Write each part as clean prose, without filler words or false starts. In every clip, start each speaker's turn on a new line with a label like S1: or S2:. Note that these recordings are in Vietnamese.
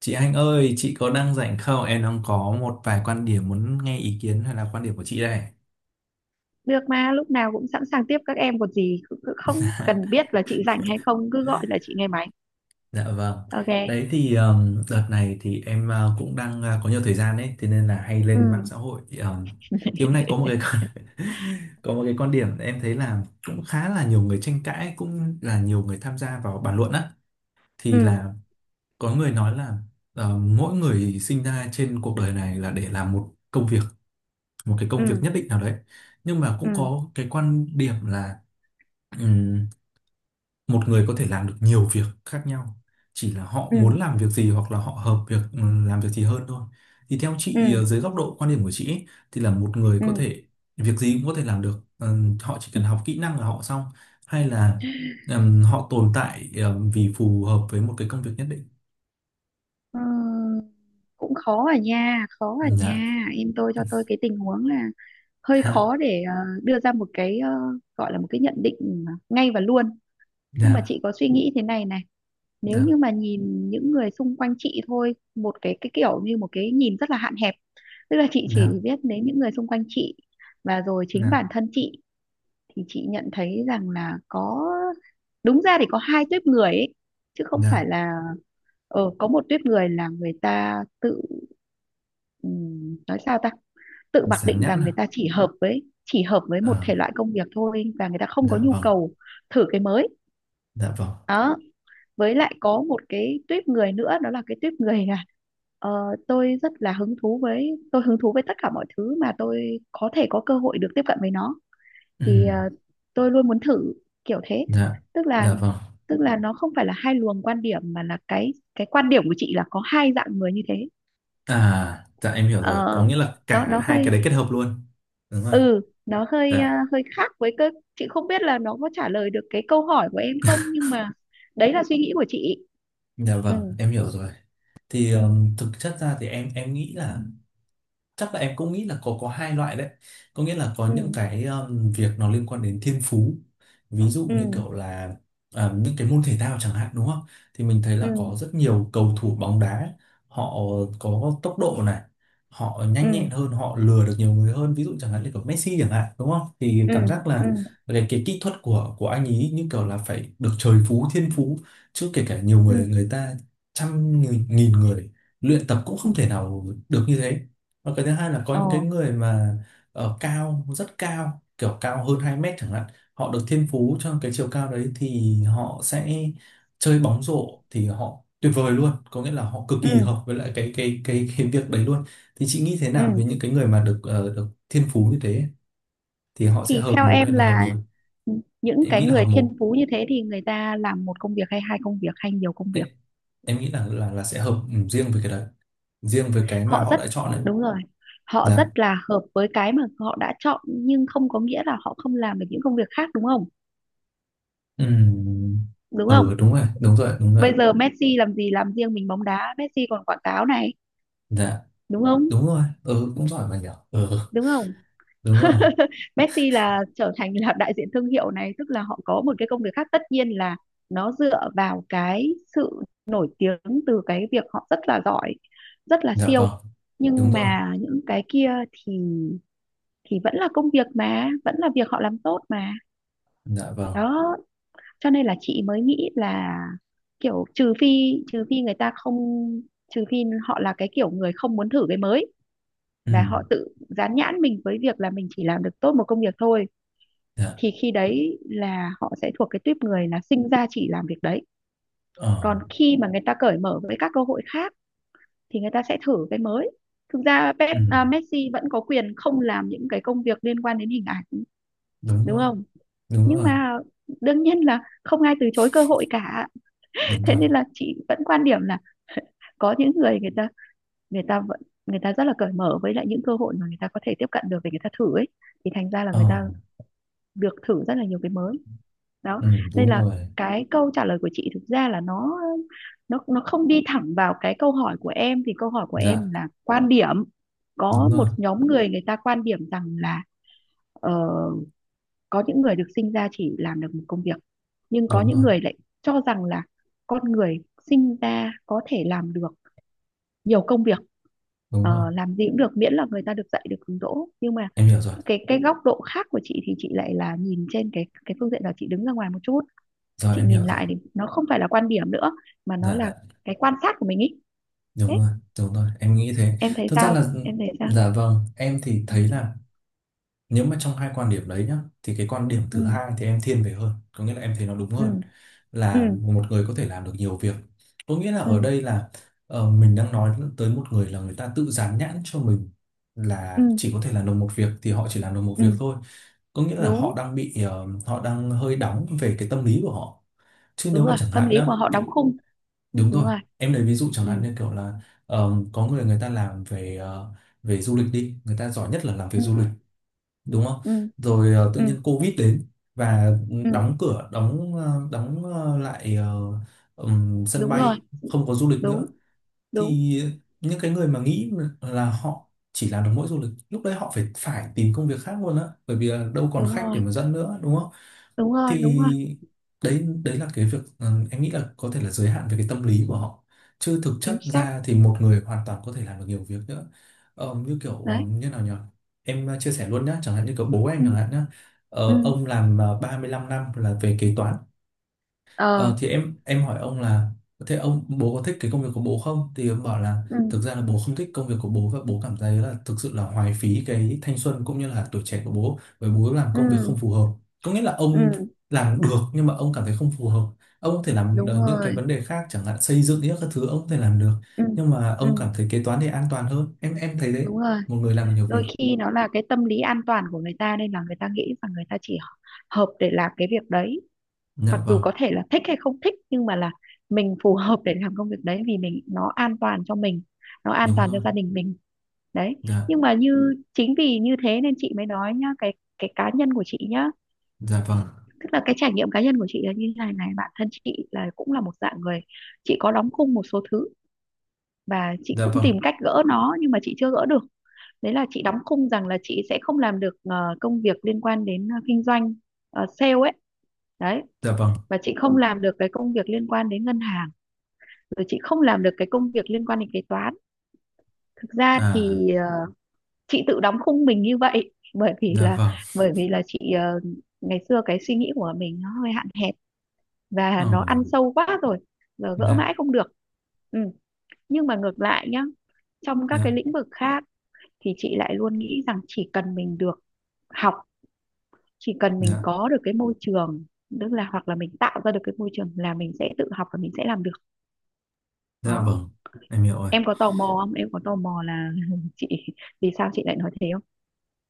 S1: Chị Anh ơi, chị có đang rảnh không? Em đang có một vài quan điểm muốn nghe ý kiến hay là quan điểm của chị đây.
S2: Được mà, lúc nào cũng sẵn sàng tiếp các em còn gì. Cứ không cần biết là chị rảnh hay không, cứ gọi là chị nghe máy.
S1: Dạ vâng.
S2: Ok.
S1: Đấy thì đợt này thì em cũng đang có nhiều thời gian đấy, thế nên là hay
S2: Ừ.
S1: lên mạng xã hội. Thì hôm nay có một cái con- có một cái quan điểm em thấy là cũng khá là nhiều người tranh cãi, cũng là nhiều người tham gia vào bàn luận á. Thì
S2: Ừ.
S1: là có người nói là mỗi người sinh ra trên cuộc đời này là để làm một công việc, một cái công việc
S2: Ừ.
S1: nhất định nào đấy. Nhưng mà cũng
S2: Ừ.
S1: có cái quan điểm là Ừm, một người có thể làm được nhiều việc khác nhau, chỉ là họ
S2: Ừ.
S1: muốn làm việc gì hoặc là họ hợp việc làm việc gì hơn thôi. Thì theo chị,
S2: Ừ.
S1: dưới góc độ quan điểm của chị ấy, thì là một người
S2: Ừ.
S1: có thể việc gì cũng có thể làm được, họ chỉ cần học kỹ năng là họ xong, hay là họ tồn tại vì phù hợp với một cái công việc nhất định.
S2: Ờ, cũng khó à nha, khó à
S1: Dạ.
S2: nha em, tôi cho tôi cái tình huống là hơi
S1: Dạ.
S2: khó để đưa ra một cái gọi là một cái nhận định ngay và luôn. Nhưng mà
S1: Dạ.
S2: chị có suy nghĩ thế này này. Nếu
S1: Dạ.
S2: như mà nhìn những người xung quanh chị thôi, một cái kiểu như một cái nhìn rất là hạn hẹp, tức là chị chỉ
S1: Dạ.
S2: biết đến những người xung quanh chị và rồi chính
S1: Dạ.
S2: bản thân chị, thì chị nhận thấy rằng là có, đúng ra thì có hai tuýp người ấy, chứ không phải
S1: Dạ.
S2: là. Có một tuýp người là người ta tự, nói sao ta, tự mặc
S1: Dán
S2: định
S1: nhãn
S2: rằng
S1: à?
S2: người ta chỉ hợp với một
S1: Ờ,
S2: thể loại công việc thôi và người ta không có
S1: dạ
S2: nhu
S1: vâng.
S2: cầu thử cái mới.
S1: Dạ vâng.
S2: Đó. Với lại có một cái tuýp người nữa, đó là cái tuýp người là ờ, tôi hứng thú với tất cả mọi thứ mà tôi có thể có cơ hội được tiếp cận với nó, thì
S1: Ừm.
S2: tôi luôn muốn thử, kiểu thế.
S1: Dạ.
S2: tức là
S1: Dạ vâng.
S2: tức là nó không phải là hai luồng quan điểm mà là cái quan điểm của chị là có hai dạng người như thế.
S1: À, dạ em hiểu rồi. Có
S2: Ờ,
S1: nghĩa là
S2: nó
S1: cả
S2: nó
S1: hai cái
S2: hơi,
S1: đấy kết hợp luôn. Đúng rồi.
S2: ừ
S1: Dạ.
S2: hơi khác với cơ. Chị không biết là nó có trả lời được cái câu hỏi của em không, nhưng mà đấy là suy nghĩ của chị.
S1: Dạ
S2: Ừ.
S1: vâng, em hiểu rồi. Thì
S2: Ừ.
S1: thực chất ra thì em nghĩ là chắc là em cũng nghĩ là có hai loại đấy, có nghĩa là có
S2: Ừ.
S1: những cái, việc nó liên quan đến thiên phú, ví dụ
S2: Ừ.
S1: như kiểu là những cái môn thể thao chẳng hạn đúng không. Thì mình thấy là
S2: Ừ.
S1: có rất nhiều cầu thủ bóng đá, họ có tốc độ này, họ nhanh
S2: Ừ.
S1: nhẹn hơn, họ lừa được nhiều người hơn, ví dụ chẳng hạn như kiểu Messi chẳng hạn, đúng không, thì
S2: Ừ.
S1: cảm giác
S2: Ừ.
S1: là cái kỹ thuật của anh ấy như kiểu là phải được trời phú, thiên phú, chứ kể cả nhiều
S2: Ừ.
S1: người, người ta trăm nghìn, nghìn người luyện tập cũng không thể nào được như thế. Và cái thứ hai là có
S2: Ờ.
S1: những cái người mà ở cao, rất cao, kiểu cao hơn 2 mét chẳng hạn, họ được thiên phú cho cái chiều cao đấy thì họ sẽ chơi bóng rổ thì họ tuyệt vời luôn, có nghĩa là họ cực
S2: Ừ.
S1: kỳ hợp với lại cái việc đấy luôn. Thì chị nghĩ thế nào
S2: Ừ.
S1: với những cái người mà được thiên phú như thế, thì họ sẽ
S2: Thì
S1: hợp
S2: theo
S1: một hay
S2: em
S1: là hợp
S2: là
S1: nhiều?
S2: những
S1: Em
S2: cái
S1: nghĩ là
S2: người
S1: hợp
S2: thiên
S1: một.
S2: phú như thế thì người ta làm một công việc, hay hai công việc, hay nhiều công
S1: Em,
S2: việc.
S1: em nghĩ là là sẽ hợp, riêng với cái đấy, riêng với cái mà
S2: Họ
S1: họ
S2: rất,
S1: đã chọn đấy.
S2: đúng rồi, họ rất
S1: Dạ.
S2: là hợp với cái mà họ đã chọn, nhưng không có nghĩa là họ không làm được những công việc khác, đúng không?
S1: Ừ.
S2: Đúng không?
S1: Ừ, đúng rồi, đúng rồi, đúng rồi.
S2: Bây giờ Messi làm gì, làm riêng mình bóng đá? Messi còn quảng cáo này,
S1: Dạ.
S2: đúng không?
S1: Đúng rồi, ừ, cũng giỏi mà nhỉ. Ừ,
S2: Đúng không?
S1: đúng rồi.
S2: Messi là trở thành là đại diện thương hiệu này, tức là họ có một cái công việc khác, tất nhiên là nó dựa vào cái sự nổi tiếng từ cái việc họ rất là giỏi, rất là
S1: Dạ
S2: siêu.
S1: vâng. Đúng
S2: Nhưng
S1: rồi.
S2: mà những cái kia thì vẫn là công việc, mà vẫn là việc họ làm tốt mà.
S1: Dạ vâng.
S2: Đó. Cho nên là chị mới nghĩ là kiểu trừ phi, trừ phi người ta không trừ phi họ là cái kiểu người không muốn thử cái mới
S1: Ừ.
S2: và họ tự dán nhãn mình với việc là mình chỉ làm được tốt một công việc thôi, thì
S1: Dạ.
S2: khi đấy là họ sẽ thuộc cái tuýp người là sinh ra chỉ làm việc đấy.
S1: Ờ.
S2: Còn khi mà người ta cởi mở với các cơ hội khác thì người ta sẽ thử cái mới. Thực ra
S1: Ừ,
S2: Messi vẫn có quyền không làm những cái công việc liên quan đến hình ảnh,
S1: đúng
S2: đúng
S1: rồi,
S2: không?
S1: đúng
S2: Nhưng
S1: rồi,
S2: mà đương nhiên là không ai từ chối cơ hội cả.
S1: đúng
S2: Thế
S1: rồi.
S2: nên là chị vẫn quan điểm là có những người, người ta vẫn người ta rất là cởi mở với lại những cơ hội mà người ta có thể tiếp cận được để người ta thử ấy, thì thành ra là
S1: Ờ.
S2: người ta được thử rất là nhiều cái mới. Đó.
S1: Ừ,
S2: Nên
S1: đúng
S2: là
S1: rồi.
S2: cái câu trả lời của chị thực ra là nó không đi thẳng vào cái câu hỏi của em. Thì câu hỏi của em
S1: Dạ.
S2: là quan điểm, có
S1: Đúng
S2: một
S1: rồi,
S2: nhóm người, người ta quan điểm rằng là ờ, có những người được sinh ra chỉ làm được một công việc, nhưng có
S1: đúng
S2: những
S1: rồi,
S2: người lại cho rằng là con người sinh ra có thể làm được nhiều công việc.
S1: đúng rồi.
S2: Ờ, làm gì cũng được miễn là người ta được dạy, được hướng đỗ. Nhưng mà
S1: Em hiểu rồi.
S2: cái góc độ khác của chị thì chị lại là nhìn trên cái phương diện là chị đứng ra ngoài một chút,
S1: Rồi,
S2: chị
S1: em
S2: nhìn
S1: hiểu rồi.
S2: lại thì nó không phải là quan điểm nữa, mà nó
S1: Dạ.
S2: là
S1: Dạ.
S2: cái quan sát của mình ý. Thế.
S1: Đúng rồi, đúng rồi. Em nghĩ thế.
S2: Em thấy
S1: Thực ra
S2: sao,
S1: là,
S2: em thấy sao?
S1: dạ vâng, em thì thấy
S2: Ừ.
S1: là, nếu mà trong hai quan điểm đấy nhá, thì cái quan điểm
S2: Ừ.
S1: thứ hai thì em thiên về hơn, có nghĩa là em thấy nó đúng
S2: Ừ.
S1: hơn,
S2: Ừ.
S1: là một người có thể làm được nhiều việc. Có nghĩa là
S2: Ừ.
S1: ở đây là, mình đang nói tới một người là người ta tự dán nhãn cho mình là
S2: Ừ.
S1: chỉ có thể làm được một việc thì họ chỉ làm được một
S2: Ừ.
S1: việc thôi, có nghĩa là
S2: Đúng,
S1: họ đang hơi đóng về cái tâm lý của họ. Chứ
S2: đúng
S1: nếu mà
S2: rồi,
S1: chẳng
S2: tâm
S1: hạn
S2: lý
S1: nhá,
S2: của họ đóng khung.
S1: đúng
S2: Đúng
S1: rồi,
S2: rồi.
S1: em lấy ví dụ chẳng hạn
S2: Ừ.
S1: như kiểu là, có người người ta làm về du lịch đi, người ta giỏi nhất là làm về
S2: Ừ.
S1: du lịch, đúng không.
S2: Ừ.
S1: Rồi tự
S2: Ừ.
S1: nhiên Covid đến và
S2: Ừ.
S1: đóng cửa, lại sân
S2: Đúng rồi.
S1: bay, không có du lịch nữa,
S2: Đúng. Đúng.
S1: thì những cái người mà nghĩ là họ chỉ làm được mỗi du lịch, lúc đấy họ phải phải tìm công việc khác luôn á, bởi vì là đâu còn
S2: Đúng
S1: khách để
S2: rồi.
S1: mà dẫn nữa, đúng không.
S2: Đúng rồi. Đúng rồi.
S1: Thì đấy, đấy là cái việc, em nghĩ là có thể là giới hạn về cái tâm lý của họ, chứ thực
S2: Chính
S1: chất
S2: xác.
S1: ra thì một người hoàn toàn có thể làm được nhiều việc nữa. Ờ, như kiểu,
S2: Đấy.
S1: như nào nhỉ, em chia sẻ luôn nhá, chẳng hạn như kiểu bố em chẳng
S2: Ừ.
S1: hạn nhá.
S2: Ừ.
S1: Ờ, ông làm 35 năm là về kế toán.
S2: Ờ.
S1: Ờ, thì em hỏi ông là, thế ông bố có thích cái công việc của bố không? Thì ông bảo là
S2: Ừ.
S1: thực ra là bố không thích công việc của bố, và bố cảm thấy là thực sự là hoài phí cái thanh xuân cũng như là tuổi trẻ của bố, bởi bố làm
S2: Ừ.
S1: công việc không phù hợp. Có nghĩa là
S2: Ừ.
S1: ông làm được nhưng mà ông cảm thấy không phù hợp. Ông có thể làm
S2: Đúng
S1: những cái
S2: rồi.
S1: vấn đề khác chẳng hạn xây dựng những các thứ, ông có thể làm được,
S2: Ừ.
S1: nhưng mà
S2: Ừ.
S1: ông cảm thấy kế toán thì an toàn hơn. Em thấy đấy,
S2: Đúng rồi.
S1: một người làm được nhiều việc.
S2: Đôi khi nó là cái tâm lý an toàn của người ta, nên là người ta nghĩ rằng người ta chỉ hợp để làm cái việc đấy, mặc
S1: Dạ
S2: dù
S1: vâng,
S2: có thể là thích hay không thích, nhưng mà là mình phù hợp để làm công việc đấy vì mình nó an toàn cho mình, nó an
S1: đúng
S2: toàn cho
S1: rồi.
S2: gia đình mình. Đấy.
S1: Dạ,
S2: Nhưng mà như chính vì như thế nên chị mới nói nhá, cái cá nhân của chị nhá,
S1: dạ vâng,
S2: tức là cái trải nghiệm cá nhân của chị là như thế này này. Bản thân chị là cũng là một dạng người, chị có đóng khung một số thứ và chị
S1: dạ
S2: cũng
S1: vâng,
S2: tìm cách gỡ nó nhưng mà chị chưa gỡ được. Đấy là chị đóng khung rằng là chị sẽ không làm được công việc liên quan đến kinh doanh, sale ấy. Đấy.
S1: dạ vâng.
S2: Và chị không làm được cái công việc liên quan đến ngân hàng, rồi chị không làm được cái công việc liên quan đến kế toán. Thực ra
S1: À,
S2: thì chị tự đóng khung mình như vậy bởi vì
S1: dạ
S2: là,
S1: vâng.
S2: chị ngày xưa cái suy nghĩ của mình nó hơi hạn hẹp và
S1: Ờ.
S2: nó ăn sâu quá rồi, giờ gỡ
S1: Dạ,
S2: mãi không được. Ừ. Nhưng mà ngược lại nhá, trong các cái
S1: dạ,
S2: lĩnh vực khác thì chị lại luôn nghĩ rằng chỉ cần mình được học, chỉ cần mình
S1: dạ,
S2: có được cái môi trường, tức là hoặc là mình tạo ra được cái môi trường, là mình sẽ tự học và mình sẽ làm được.
S1: dạ
S2: Đó.
S1: vâng, em hiểu rồi.
S2: Em có tò mò không, em có tò mò là chị vì sao chị lại nói thế không?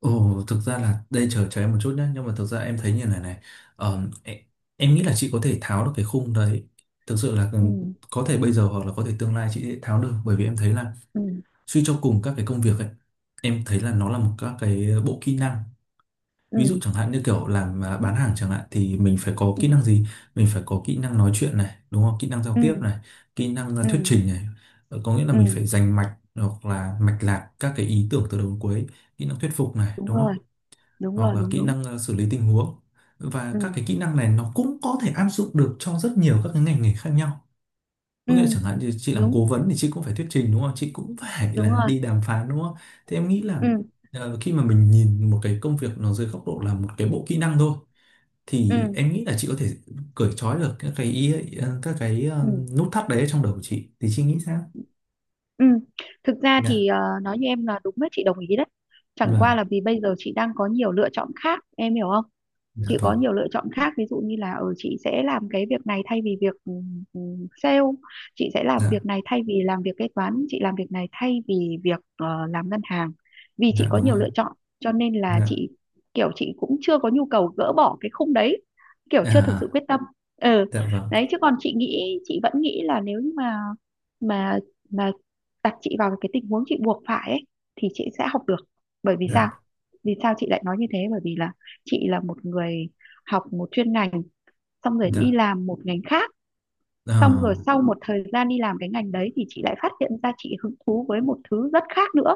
S1: Ồ, thực ra là đây, chờ cho em một chút nhé, nhưng mà thực ra em thấy như này này. Ờm, em, em nghĩ là chị có thể tháo được cái khung đấy. Thực sự là
S2: Ừ.
S1: có thể bây giờ hoặc là có thể tương lai chị sẽ tháo được, bởi vì em thấy là
S2: Ừ.
S1: suy cho cùng các cái công việc ấy, em thấy là nó là một các cái bộ kỹ năng. Ví dụ
S2: Ừ.
S1: chẳng hạn như kiểu làm bán hàng chẳng hạn thì mình phải có
S2: Ừ.
S1: kỹ năng gì? Mình phải có kỹ năng nói chuyện này, đúng không, kỹ năng giao
S2: Ừ.
S1: tiếp này, kỹ năng
S2: Ừ.
S1: thuyết trình này. Ờ, có nghĩa là mình
S2: Ừ.
S1: phải dành mạch hoặc là mạch lạc các cái ý tưởng từ đầu đến cuối, kỹ năng thuyết phục này,
S2: Đúng
S1: đúng
S2: rồi.
S1: không,
S2: Đúng
S1: hoặc
S2: rồi.
S1: là
S2: Đúng.
S1: kỹ
S2: Đúng.
S1: năng xử lý tình huống. Và
S2: Ừ.
S1: các cái kỹ năng này nó cũng có thể áp dụng được cho rất nhiều các cái ngành nghề khác nhau,
S2: Ừ.
S1: có nghĩa là chẳng hạn như chị làm
S2: Đúng.
S1: cố vấn thì chị cũng phải thuyết trình, đúng không, chị cũng phải
S2: Đúng
S1: là
S2: rồi.
S1: đi đàm phán, đúng không. Thế em nghĩ
S2: Ừ.
S1: là, khi mà mình nhìn một cái công việc nó dưới góc độ là một cái bộ kỹ năng thôi,
S2: Ừ.
S1: thì em nghĩ là chị có thể cởi trói được các cái ý ấy, các cái
S2: Ừ.
S1: nút thắt đấy trong đầu của chị, thì chị nghĩ sao?
S2: Ừ. Thực ra
S1: Dạ
S2: thì nói như em là đúng đấy, chị đồng ý đấy. Chẳng qua
S1: vâng.
S2: là vì bây giờ chị đang có nhiều lựa chọn khác, em hiểu không?
S1: Dạ
S2: Chị có
S1: vâng.
S2: nhiều lựa chọn khác, ví dụ như là ở chị sẽ làm cái việc này thay vì việc ừ, sale, chị sẽ làm
S1: Dạ.
S2: việc này thay vì làm việc kế toán, chị làm việc này thay vì việc làm ngân hàng. Vì chị
S1: Dạ.
S2: có
S1: Đúng
S2: nhiều
S1: rồi.
S2: lựa chọn, cho nên là
S1: Dạ.
S2: chị kiểu chị cũng chưa có nhu cầu gỡ bỏ cái khung đấy, kiểu
S1: À,
S2: chưa
S1: à,
S2: thực sự
S1: à.
S2: quyết tâm. Ừ.
S1: Dạ vâng.
S2: Đấy chứ còn chị nghĩ, chị vẫn nghĩ là nếu như mà mà đặt chị vào cái tình huống chị buộc phải ấy, thì chị sẽ học được. Bởi vì sao?
S1: Dạ.
S2: Vì sao chị lại nói như thế? Bởi vì là chị là một người học một chuyên ngành, xong rồi đi
S1: Dạ.
S2: làm một ngành khác,
S1: Ờ.
S2: xong rồi sau một thời gian đi làm cái ngành đấy thì chị lại phát hiện ra chị hứng thú với một thứ rất khác nữa.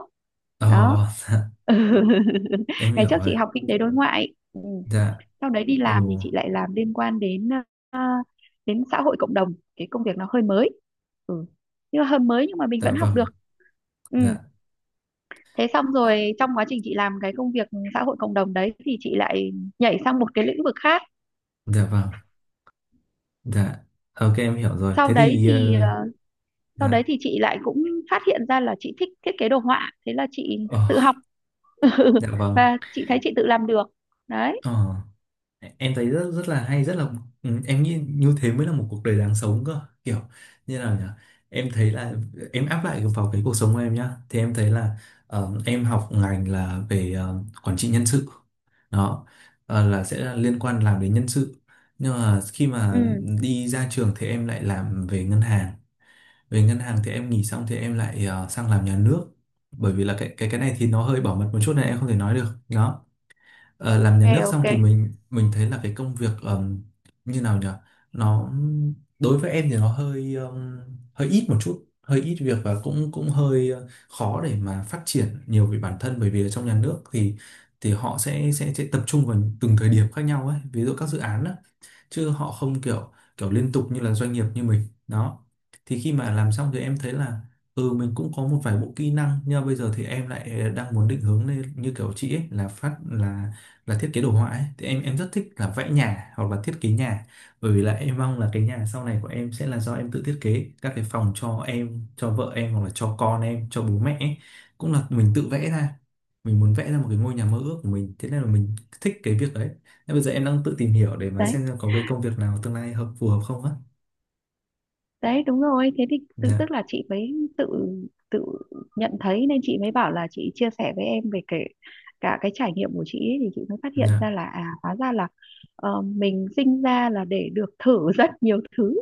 S2: Đó.
S1: Ờ. Dạ. Em
S2: Ngày
S1: hiểu
S2: trước
S1: rồi.
S2: chị học kinh tế đối ngoại. Ừ.
S1: Dạ.
S2: Sau đấy đi làm thì
S1: Ồ.
S2: chị lại làm liên quan đến đến xã hội cộng đồng, cái công việc nó hơi mới. Ừ. Nhưng mà hơi mới nhưng mà mình
S1: Dạ
S2: vẫn học
S1: vâng.
S2: được. Ừ.
S1: Dạ.
S2: Thế xong rồi trong quá trình chị làm cái công việc xã hội cộng đồng đấy thì chị lại nhảy sang một cái lĩnh vực khác.
S1: Dạ vâng. Dạ, ok em hiểu rồi.
S2: sau
S1: Thế
S2: đấy
S1: thì,
S2: thì ờ, Sau đấy
S1: dạ,
S2: thì chị lại cũng phát hiện ra là chị thích thiết kế đồ họa, thế là chị tự
S1: Ờ,
S2: học
S1: dạ vâng.
S2: và chị thấy chị tự làm được. Đấy.
S1: Ờ, em thấy rất rất là hay, rất là, ừ, em nghĩ như thế mới là một cuộc đời đáng sống cơ. Kiểu như nào nhỉ? Em thấy là, em áp lại vào cái cuộc sống của em nhá. Thì em thấy là, em học ngành là về quản trị nhân sự. Đó, là sẽ là liên quan làm đến nhân sự. Nhưng mà khi mà
S2: Ừ.
S1: đi ra trường thì em lại làm về ngân hàng, về ngân hàng thì em nghỉ xong thì em lại sang làm nhà nước, bởi vì là cái này thì nó hơi bảo mật một chút này, em không thể nói được, đó. Ờ, làm nhà nước
S2: Ok.
S1: xong
S2: Ok.
S1: thì mình thấy là cái công việc, như nào nhỉ, nó đối với em thì nó hơi hơi ít một chút, hơi ít việc, và cũng cũng hơi khó để mà phát triển nhiều về bản thân, bởi vì ở trong nhà nước thì họ sẽ tập trung vào từng thời điểm khác nhau ấy, ví dụ các dự án á, chứ họ không kiểu kiểu liên tục như là doanh nghiệp như mình, đó. Thì khi mà làm xong thì em thấy là, ừ, mình cũng có một vài bộ kỹ năng, nhưng mà bây giờ thì em lại đang muốn định hướng lên như kiểu chị ấy, là phát là thiết kế đồ họa ấy. Thì em rất thích là vẽ nhà hoặc là thiết kế nhà, bởi vì là em mong là cái nhà sau này của em sẽ là do em tự thiết kế các cái phòng cho em, cho vợ em hoặc là cho con em, cho bố mẹ ấy. Cũng là mình tự vẽ ra, mình muốn vẽ ra một cái ngôi nhà mơ ước của mình, thế nên là mình thích cái việc đấy. Thế bây giờ em đang tự tìm hiểu để mà
S2: Đấy.
S1: xem có cái công việc nào tương lai phù hợp không á.
S2: Đấy, đúng rồi, thế thì
S1: Dạ,
S2: tức là chị mới tự tự nhận thấy, nên chị mới bảo là chị chia sẻ với em về kể cả cái trải nghiệm của chị ấy, thì chị mới phát hiện
S1: dạ,
S2: ra là, à, hóa ra là mình sinh ra là để được thử rất nhiều thứ,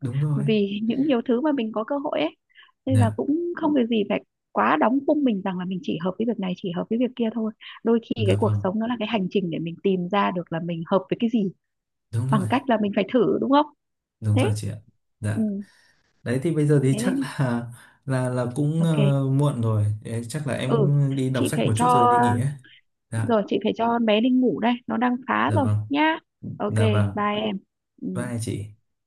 S1: đúng rồi.
S2: vì những nhiều thứ mà mình có cơ hội ấy, nên là
S1: Dạ,
S2: cũng không việc gì phải quá đóng khung mình rằng là mình chỉ hợp với việc này, chỉ hợp với việc kia thôi. Đôi khi cái
S1: dạ
S2: cuộc
S1: vâng,
S2: sống nó là cái hành trình để mình tìm ra được là mình hợp với cái gì,
S1: đúng rồi,
S2: bằng cách là mình phải thử, đúng không?
S1: đúng rồi
S2: Thế.
S1: chị ạ. Dạ,
S2: Ừ.
S1: đấy thì bây giờ thì
S2: Thế
S1: chắc
S2: nên.
S1: là là cũng,
S2: Ok.
S1: muộn rồi. Đấy, chắc là em
S2: Ừ.
S1: cũng đi đọc
S2: chị
S1: sách
S2: phải
S1: một chút
S2: cho
S1: rồi đi nghỉ ấy. Dạ,
S2: Rồi chị phải cho bé đi ngủ đây, nó đang phá
S1: dạ
S2: rồi
S1: vâng,
S2: nhá. Ok.
S1: dạ vâng.
S2: Bye em. Ừ.
S1: Bye chị.